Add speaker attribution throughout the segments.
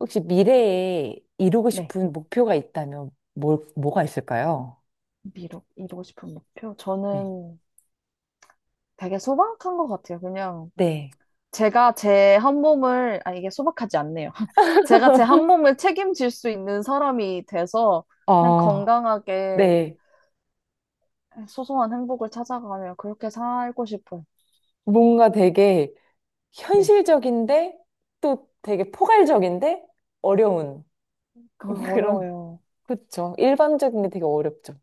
Speaker 1: 혹시 미래에 이루고
Speaker 2: 네,
Speaker 1: 싶은 목표가 있다면 뭘, 뭐가 있을까요?
Speaker 2: 미 이루고 싶은 목표.
Speaker 1: 네.
Speaker 2: 저는 되게 소박한 것 같아요. 그냥
Speaker 1: 네.
Speaker 2: 제가 제 한 몸을, 아, 이게 소박하지 않네요. 제가 제 한 몸을 책임질 수 있는 사람이 돼서 그냥
Speaker 1: 아,
Speaker 2: 건강하게
Speaker 1: 네.
Speaker 2: 소소한 행복을 찾아가며 그렇게 살고 싶어요.
Speaker 1: 뭔가 되게
Speaker 2: 네,
Speaker 1: 현실적인데 또 되게 포괄적인데 어려운.
Speaker 2: 그거
Speaker 1: 그런,
Speaker 2: 어려워요.
Speaker 1: 그쵸. 일반적인 게 되게 어렵죠.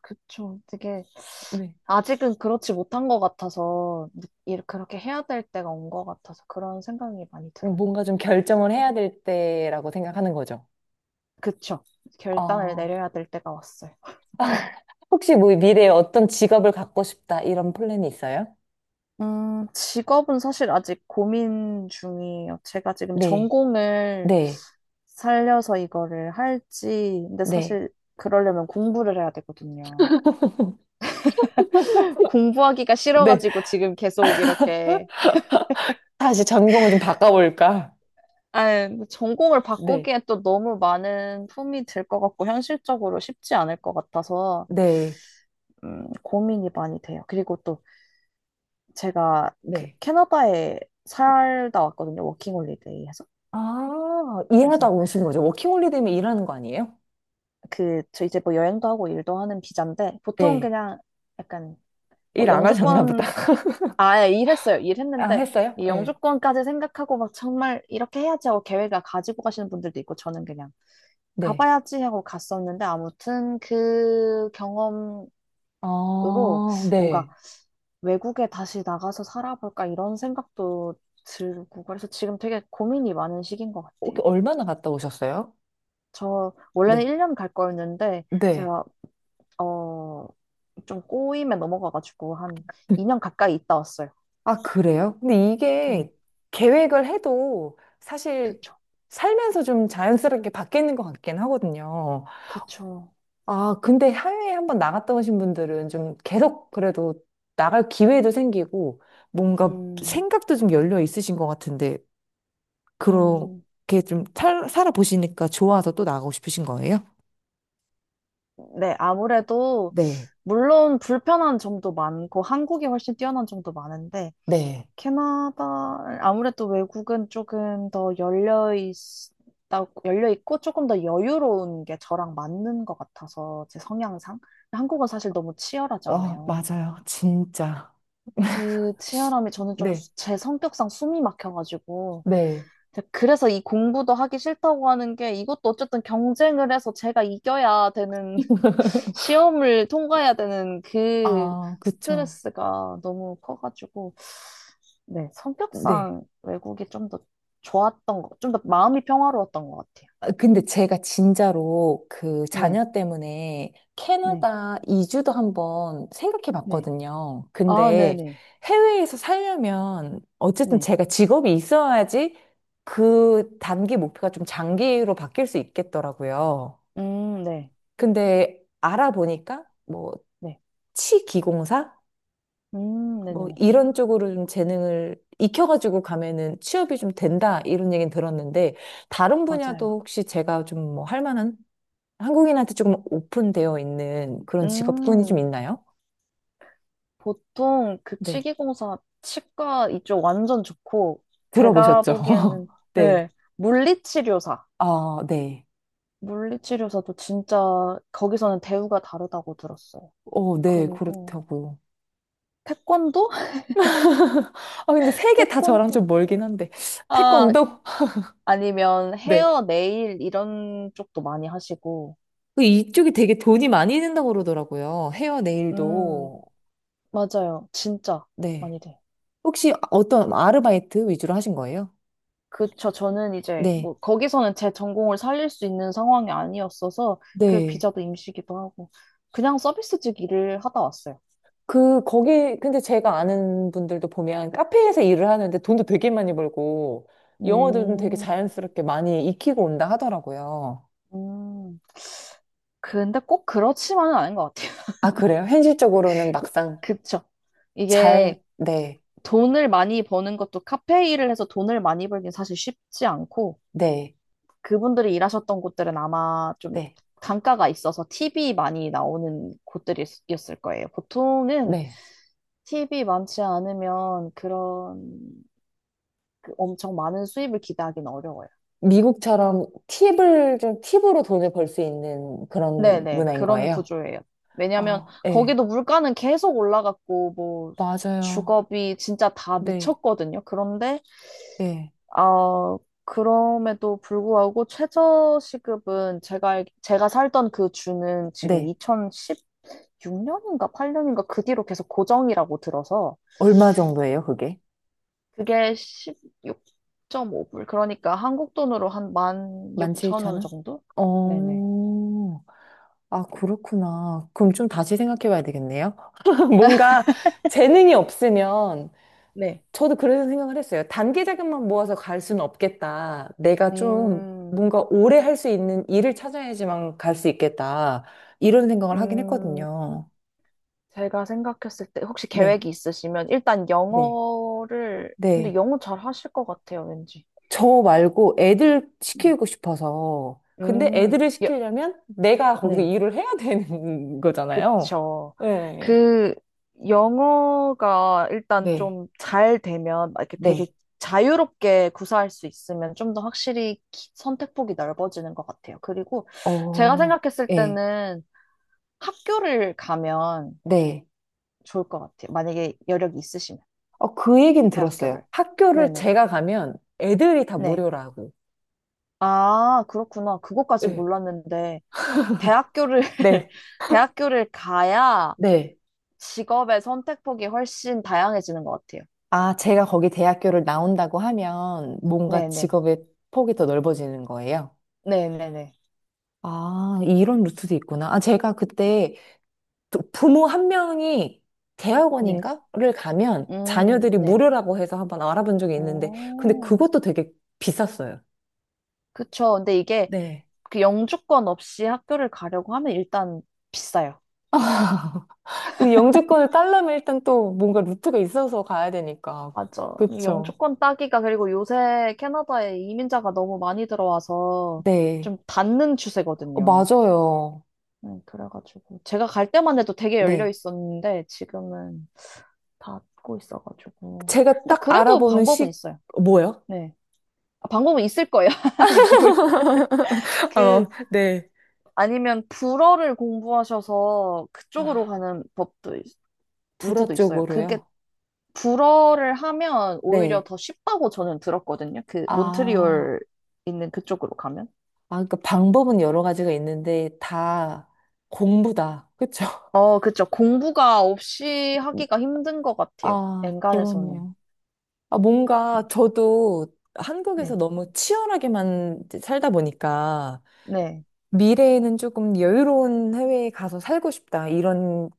Speaker 2: 그쵸. 되게
Speaker 1: 네.
Speaker 2: 아직은 그렇지 못한 것 같아서 이렇게 그렇게 해야 될 때가 온 것 같아서 그런 생각이 많이 들어요.
Speaker 1: 뭔가 좀 결정을 해야 될 때라고 생각하는 거죠.
Speaker 2: 그쵸. 결단을
Speaker 1: 아,
Speaker 2: 내려야 될 때가 왔어요.
Speaker 1: 혹시 뭐 미래에 어떤 직업을 갖고 싶다 이런 플랜이 있어요?
Speaker 2: 직업은 사실 아직 고민 중이에요. 제가 지금
Speaker 1: 네.
Speaker 2: 전공을
Speaker 1: 네.
Speaker 2: 살려서 이거를 할지, 근데
Speaker 1: 네.
Speaker 2: 사실 그러려면 공부를 해야 되거든요. 공부하기가
Speaker 1: 네.
Speaker 2: 싫어가지고 지금 계속 이렇게,
Speaker 1: 다시 전공을 좀 바꿔볼까?
Speaker 2: 아, 전공을
Speaker 1: 네,
Speaker 2: 바꾸기에 또 너무 많은 품이 들 것 같고, 현실적으로 쉽지 않을 것 같아서,
Speaker 1: 네.
Speaker 2: 고민이 많이 돼요. 그리고 또 제가 그
Speaker 1: 네.
Speaker 2: 캐나다에 살다 왔거든요. 워킹홀리데이 해서.
Speaker 1: 아, 일하다가
Speaker 2: 그래서
Speaker 1: 오신 거죠. 워킹홀리데이면 일하는 거 아니에요?
Speaker 2: 저 이제 뭐 여행도 하고 일도 하는 비자인데, 보통
Speaker 1: 네.
Speaker 2: 그냥 약간 뭐
Speaker 1: 일 안 하셨나 보다.
Speaker 2: 영주권, 아예 일했어요.
Speaker 1: 아,
Speaker 2: 일했는데,
Speaker 1: 했어요?
Speaker 2: 이
Speaker 1: 네.
Speaker 2: 영주권까지 생각하고 막 정말 이렇게 해야지 하고 계획을 가지고 가시는 분들도 있고, 저는 그냥
Speaker 1: 네.
Speaker 2: 가봐야지 하고 갔었는데, 아무튼 그 경험으로
Speaker 1: 아,
Speaker 2: 뭔가
Speaker 1: 네.
Speaker 2: 외국에 다시 나가서 살아볼까 이런 생각도 들고, 그래서 지금 되게 고민이 많은 시기인 것
Speaker 1: 어,
Speaker 2: 같아요.
Speaker 1: 얼마나 갔다 오셨어요?
Speaker 2: 저 원래는
Speaker 1: 네.
Speaker 2: 1년 갈 거였는데,
Speaker 1: 네.
Speaker 2: 제가 어, 좀 꼬임에 넘어가가지고 한 2년 가까이 있다 왔어요.
Speaker 1: 아, 그래요? 근데
Speaker 2: 네,
Speaker 1: 이게 계획을 해도 사실
Speaker 2: 그쵸.
Speaker 1: 살면서 좀 자연스럽게 바뀌는 것 같긴 하거든요.
Speaker 2: 그쵸.
Speaker 1: 아, 근데 해외에 한번 나갔다 오신 분들은 좀 계속 그래도 나갈 기회도 생기고 뭔가
Speaker 2: 음,
Speaker 1: 생각도 좀 열려 있으신 것 같은데
Speaker 2: 음.
Speaker 1: 그렇게 좀 살, 살아보시니까 좋아서 또 나가고 싶으신 거예요?
Speaker 2: 네, 아무래도,
Speaker 1: 네,
Speaker 2: 물론 불편한 점도 많고, 한국이 훨씬 뛰어난 점도 많은데,
Speaker 1: 네.
Speaker 2: 캐나다, 아무래도 외국은 조금 더 열려 있고, 조금 더 여유로운 게 저랑 맞는 것 같아서, 제 성향상. 한국은 사실 너무
Speaker 1: 어,
Speaker 2: 치열하잖아요.
Speaker 1: 맞아요. 진짜.
Speaker 2: 그 치열함이 저는 좀
Speaker 1: 네,
Speaker 2: 제 성격상 숨이 막혀가지고,
Speaker 1: 네.
Speaker 2: 그래서 이 공부도 하기 싫다고 하는 게 이것도 어쨌든 경쟁을 해서 제가 이겨야 되는 시험을 통과해야 되는 그
Speaker 1: 아, 그쵸.
Speaker 2: 스트레스가 너무 커가지고 네,
Speaker 1: 네.
Speaker 2: 성격상 외국이 좀 더 좋았던 거, 좀 더 마음이 평화로웠던 것 같아요.
Speaker 1: 아, 근데 제가 진짜로 그
Speaker 2: 네,
Speaker 1: 자녀 때문에
Speaker 2: 네,
Speaker 1: 캐나다 이주도 한번 생각해
Speaker 2: 네.
Speaker 1: 봤거든요.
Speaker 2: 아,
Speaker 1: 근데
Speaker 2: 네네,
Speaker 1: 해외에서 살려면
Speaker 2: 네.
Speaker 1: 어쨌든
Speaker 2: 네.
Speaker 1: 제가 직업이 있어야지 그 단기 목표가 좀 장기로 바뀔 수 있겠더라고요.
Speaker 2: 네,
Speaker 1: 근데 알아보니까 뭐
Speaker 2: 네.
Speaker 1: 치기공사? 뭐
Speaker 2: 네네네.
Speaker 1: 이런 쪽으로 좀 재능을 익혀가지고 가면은 취업이 좀 된다 이런 얘기는 들었는데 다른
Speaker 2: 맞아요.
Speaker 1: 분야도 혹시 제가 좀 뭐 할 만한 한국인한테 조금 오픈되어 있는 그런 직업군이 좀
Speaker 2: 음.
Speaker 1: 있나요?
Speaker 2: 보통 그
Speaker 1: 네.
Speaker 2: 치기공사 치과 이쪽 완전 좋고 제가
Speaker 1: 들어보셨죠?
Speaker 2: 보기에는
Speaker 1: 네.
Speaker 2: 네, 물리치료사
Speaker 1: 아, 네.
Speaker 2: 물리치료사도 진짜 거기서는 대우가 다르다고 들었어요.
Speaker 1: 어, 네,
Speaker 2: 그리고
Speaker 1: 그렇다고요.
Speaker 2: 태권도?
Speaker 1: 아, 근데 세 개 다 저랑
Speaker 2: 태권도,
Speaker 1: 좀 멀긴 한데.
Speaker 2: 아
Speaker 1: 태권도?
Speaker 2: 아니면
Speaker 1: 네.
Speaker 2: 헤어 네일 이런 쪽도 많이 하시고.
Speaker 1: 그 이쪽이 되게 돈이 많이 든다고 그러더라고요. 헤어
Speaker 2: 음
Speaker 1: 네일도.
Speaker 2: 맞아요, 진짜
Speaker 1: 네.
Speaker 2: 많이 돼요.
Speaker 1: 혹시 어떤 아르바이트 위주로 하신 거예요?
Speaker 2: 그쵸. 저는 이제
Speaker 1: 네.
Speaker 2: 뭐 거기서는 제 전공을 살릴 수 있는 상황이 아니었어서 그
Speaker 1: 네.
Speaker 2: 비자도 임시기도 하고 그냥 서비스직 일을 하다 왔어요.
Speaker 1: 그, 거기, 근데 제가 아는 분들도 보면 카페에서 일을 하는데 돈도 되게 많이 벌고 영어도 좀 되게
Speaker 2: 음,
Speaker 1: 자연스럽게 많이 익히고 온다 하더라고요.
Speaker 2: 음. 근데 꼭 그렇지만은 않은 것 같아요.
Speaker 1: 아, 그래요? 현실적으로는 막상
Speaker 2: 그쵸.
Speaker 1: 잘,
Speaker 2: 이게
Speaker 1: 네,
Speaker 2: 돈을 많이 버는 것도 카페 일을 해서 돈을 많이 벌긴 사실 쉽지 않고
Speaker 1: 네,
Speaker 2: 그분들이 일하셨던 곳들은 아마 좀
Speaker 1: 네,
Speaker 2: 단가가 있어서 팁이 많이 나오는 곳들이었을 거예요. 보통은
Speaker 1: 네.
Speaker 2: 팁이 많지 않으면 그런 그 엄청 많은 수입을 기대하기는 어려워요.
Speaker 1: 미국처럼 팁을 좀 팁으로 돈을 벌 수 있는 그런
Speaker 2: 네네,
Speaker 1: 문화인
Speaker 2: 그런
Speaker 1: 거예요?
Speaker 2: 구조예요. 왜냐면
Speaker 1: 아, 네,
Speaker 2: 거기도 물가는 계속 올라갔고, 뭐,
Speaker 1: 맞아요.
Speaker 2: 주거비 진짜 다
Speaker 1: 네,
Speaker 2: 미쳤거든요. 그런데,
Speaker 1: 네,
Speaker 2: 어, 그럼에도 불구하고 최저시급은 제가 살던 그 주는 지금
Speaker 1: 네.
Speaker 2: 2016년인가 8년인가 그 뒤로 계속 고정이라고 들어서
Speaker 1: 얼마 정도예요, 그게?
Speaker 2: 그게 16.5불. 그러니까 한국 돈으로 한 16,000원
Speaker 1: 17,000원?
Speaker 2: 정도? 네네.
Speaker 1: 어, 아, 그렇구나. 그럼 좀 다시 생각해 봐야 되겠네요. 뭔가 재능이 없으면
Speaker 2: 네.
Speaker 1: 저도 그래서 생각을 했어요. 단기 자금만 모아서 갈 수는 없겠다. 내가 좀
Speaker 2: 음,
Speaker 1: 뭔가 오래 할 수 있는 일을 찾아야지만 갈 수 있겠다. 이런 생각을 하긴
Speaker 2: 음,
Speaker 1: 했거든요.
Speaker 2: 제가 생각했을 때 혹시
Speaker 1: 네,
Speaker 2: 계획이 있으시면 일단
Speaker 1: 네,
Speaker 2: 영어를, 근데
Speaker 1: 네.
Speaker 2: 영어 잘 하실 것 같아요, 왠지.
Speaker 1: 저 말고 애들
Speaker 2: 음.
Speaker 1: 시키고 싶어서. 근데
Speaker 2: 음,
Speaker 1: 애들을
Speaker 2: 예,
Speaker 1: 시키려면 내가 거기서
Speaker 2: 네,
Speaker 1: 일을 해야 되는 거잖아요.
Speaker 2: 그쵸.
Speaker 1: 네.
Speaker 2: 그, 영어가 일단
Speaker 1: 네.
Speaker 2: 좀 잘 되면, 막 이렇게 되게
Speaker 1: 네.
Speaker 2: 자유롭게 구사할 수 있으면 좀 더 확실히 선택폭이 넓어지는 것 같아요. 그리고 제가
Speaker 1: 어,
Speaker 2: 생각했을
Speaker 1: 예,
Speaker 2: 때는 학교를 가면
Speaker 1: 네.
Speaker 2: 좋을 것 같아요. 만약에 여력이 있으시면.
Speaker 1: 어, 그 얘기는 들었어요.
Speaker 2: 대학교를.
Speaker 1: 학교를
Speaker 2: 네네.
Speaker 1: 제가 가면 애들이 다
Speaker 2: 네.
Speaker 1: 무료라고.
Speaker 2: 아, 그렇구나. 그것까지
Speaker 1: 예.
Speaker 2: 몰랐는데, 대학교를,
Speaker 1: 네.
Speaker 2: 대학교를 가야
Speaker 1: 네.
Speaker 2: 직업의 선택폭이 훨씬 다양해지는 것 같아요.
Speaker 1: 아, 제가 거기 대학교를 나온다고 하면 뭔가
Speaker 2: 네네.
Speaker 1: 직업의 폭이 더 넓어지는 거예요.
Speaker 2: 네네네.
Speaker 1: 아, 이런 루트도 있구나. 아, 제가 그때 부모 한 명이
Speaker 2: 네.
Speaker 1: 대학원인가를 가면 자녀들이
Speaker 2: 네.
Speaker 1: 무료라고 해서 한번 알아본 적이 있는데, 근데
Speaker 2: 어,
Speaker 1: 그것도 되게 비쌌어요.
Speaker 2: 그쵸. 근데 이게
Speaker 1: 네.
Speaker 2: 그 영주권 없이 학교를 가려고 하면 일단 비싸요.
Speaker 1: 근데 영주권을 딸려면 일단 또 뭔가 루트가 있어서 가야 되니까.
Speaker 2: 맞아. 이
Speaker 1: 그쵸.
Speaker 2: 영주권 따기가, 그리고 요새 캐나다에 이민자가 너무 많이 들어와서
Speaker 1: 네.
Speaker 2: 좀 닫는
Speaker 1: 어,
Speaker 2: 추세거든요.
Speaker 1: 맞아요.
Speaker 2: 네, 그래가지고 제가 갈 때만 해도 되게 열려
Speaker 1: 네.
Speaker 2: 있었는데 지금은 닫고 있어가지고
Speaker 1: 제가
Speaker 2: 근데
Speaker 1: 딱
Speaker 2: 그래도
Speaker 1: 알아보는
Speaker 2: 방법은
Speaker 1: 시,
Speaker 2: 있어요.
Speaker 1: 어, 뭐요?
Speaker 2: 네, 아, 방법은 있을 거예요. 아니 뭘까? 그,
Speaker 1: 어, 네.
Speaker 2: 아니면 불어를 공부하셔서 그쪽으로
Speaker 1: 아,
Speaker 2: 가는 법도
Speaker 1: 불어
Speaker 2: 루트도 있어요. 그게
Speaker 1: 쪽으로요.
Speaker 2: 불어를 하면 오히려
Speaker 1: 네.
Speaker 2: 더 쉽다고 저는 들었거든요. 그
Speaker 1: 아,
Speaker 2: 몬트리올 있는 그쪽으로 가면.
Speaker 1: 아, 그러니까 방법은 여러 가지가 있는데 다 공부다. 그쵸?
Speaker 2: 어, 그쵸. 공부가 없이 하기가 힘든 것 같아요.
Speaker 1: 아,
Speaker 2: 엔간에서는.
Speaker 1: 그러네요. 아, 뭔가 저도 한국에서
Speaker 2: 네.
Speaker 1: 너무 치열하게만 이제 살다 보니까
Speaker 2: 네.
Speaker 1: 미래에는 조금 여유로운 해외에 가서 살고 싶다. 이런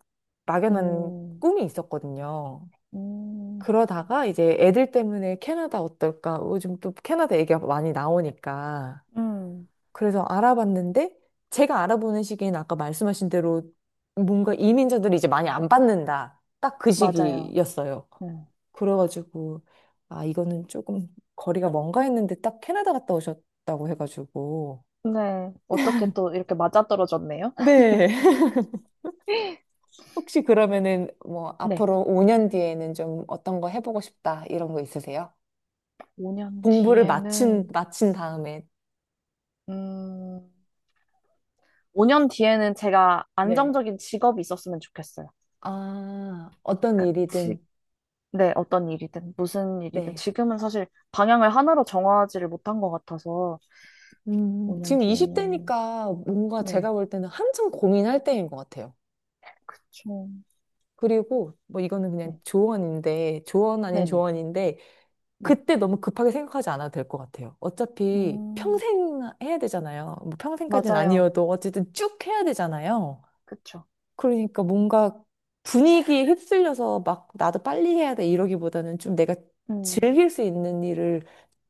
Speaker 1: 막연한
Speaker 2: 음.
Speaker 1: 꿈이 있었거든요.
Speaker 2: 음,
Speaker 1: 그러다가 이제 애들 때문에 캐나다 어떨까? 어, 요즘 또 캐나다 얘기가 많이 나오니까.
Speaker 2: 음,
Speaker 1: 그래서 알아봤는데 제가 알아보는 시기엔 아까 말씀하신 대로 뭔가 이민자들이 이제 많이 안 받는다. 딱 그
Speaker 2: 맞아요.
Speaker 1: 시기였어요.
Speaker 2: 음.
Speaker 1: 그래가지고 아, 이거는 조금 거리가 먼가 했는데 딱 캐나다 갔다 오셨다고 해가지고.
Speaker 2: 근데 어떻게 또 이렇게 맞아떨어졌네요?
Speaker 1: 네. 혹시 그러면은 뭐
Speaker 2: 네.
Speaker 1: 앞으로 5년 뒤에는 좀 어떤 거 해보고 싶다 이런 거 있으세요?
Speaker 2: 5년
Speaker 1: 공부를 마친,
Speaker 2: 뒤에는,
Speaker 1: 마친 다음에.
Speaker 2: 음, 5년 뒤에는 제가
Speaker 1: 네.
Speaker 2: 안정적인 직업이 있었으면 좋겠어요.
Speaker 1: 아, 어떤
Speaker 2: 그러니까
Speaker 1: 일이든,
Speaker 2: 네, 어떤 일이든, 무슨 일이든.
Speaker 1: 네.
Speaker 2: 지금은 사실 방향을 하나로 정하지를 못한 것 같아서, 5년
Speaker 1: 지금
Speaker 2: 뒤에는,
Speaker 1: 20대니까 뭔가
Speaker 2: 네,
Speaker 1: 제가 볼 때는 한참 고민할 때인 것 같아요.
Speaker 2: 그쵸.
Speaker 1: 그리고 뭐 이거는 그냥
Speaker 2: 네,
Speaker 1: 조언인데, 조언 아닌
Speaker 2: 네네.
Speaker 1: 조언인데,
Speaker 2: 네.
Speaker 1: 그때 너무 급하게 생각하지 않아도 될 것 같아요. 어차피
Speaker 2: 음,
Speaker 1: 평생 해야 되잖아요. 뭐 평생까지는
Speaker 2: 맞아요.
Speaker 1: 아니어도 어쨌든 쭉 해야 되잖아요.
Speaker 2: 그쵸.
Speaker 1: 그러니까 뭔가 분위기에 휩쓸려서 막 나도 빨리 해야 돼 이러기보다는 좀 내가
Speaker 2: 음,
Speaker 1: 즐길 수 있는 일을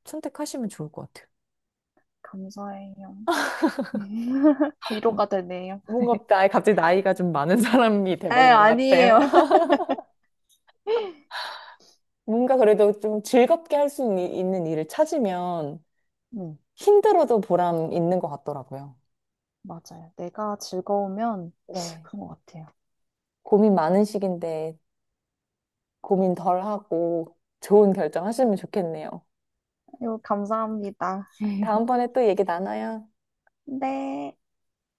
Speaker 1: 선택하시면 좋을 것 같아요.
Speaker 2: 감사해요.
Speaker 1: 음,
Speaker 2: 위로가 되네요.
Speaker 1: 뭔가 나이 갑자기 나이가 좀 많은 사람이
Speaker 2: 에,
Speaker 1: 돼버린 것 같아요.
Speaker 2: 아니에요.
Speaker 1: 뭔가 그래도 좀 즐겁게 할 수 있는 일을 찾으면
Speaker 2: 네,
Speaker 1: 힘들어도 보람 있는 것 같더라고요.
Speaker 2: 맞아요. 내가 즐거우면
Speaker 1: 네.
Speaker 2: 그런 것 같아요.
Speaker 1: 고민 많은 시기인데 고민 덜 하고 좋은 결정 하시면 좋겠네요.
Speaker 2: 아유, 감사합니다.
Speaker 1: 다음번에 또 얘기 나눠요.
Speaker 2: 네.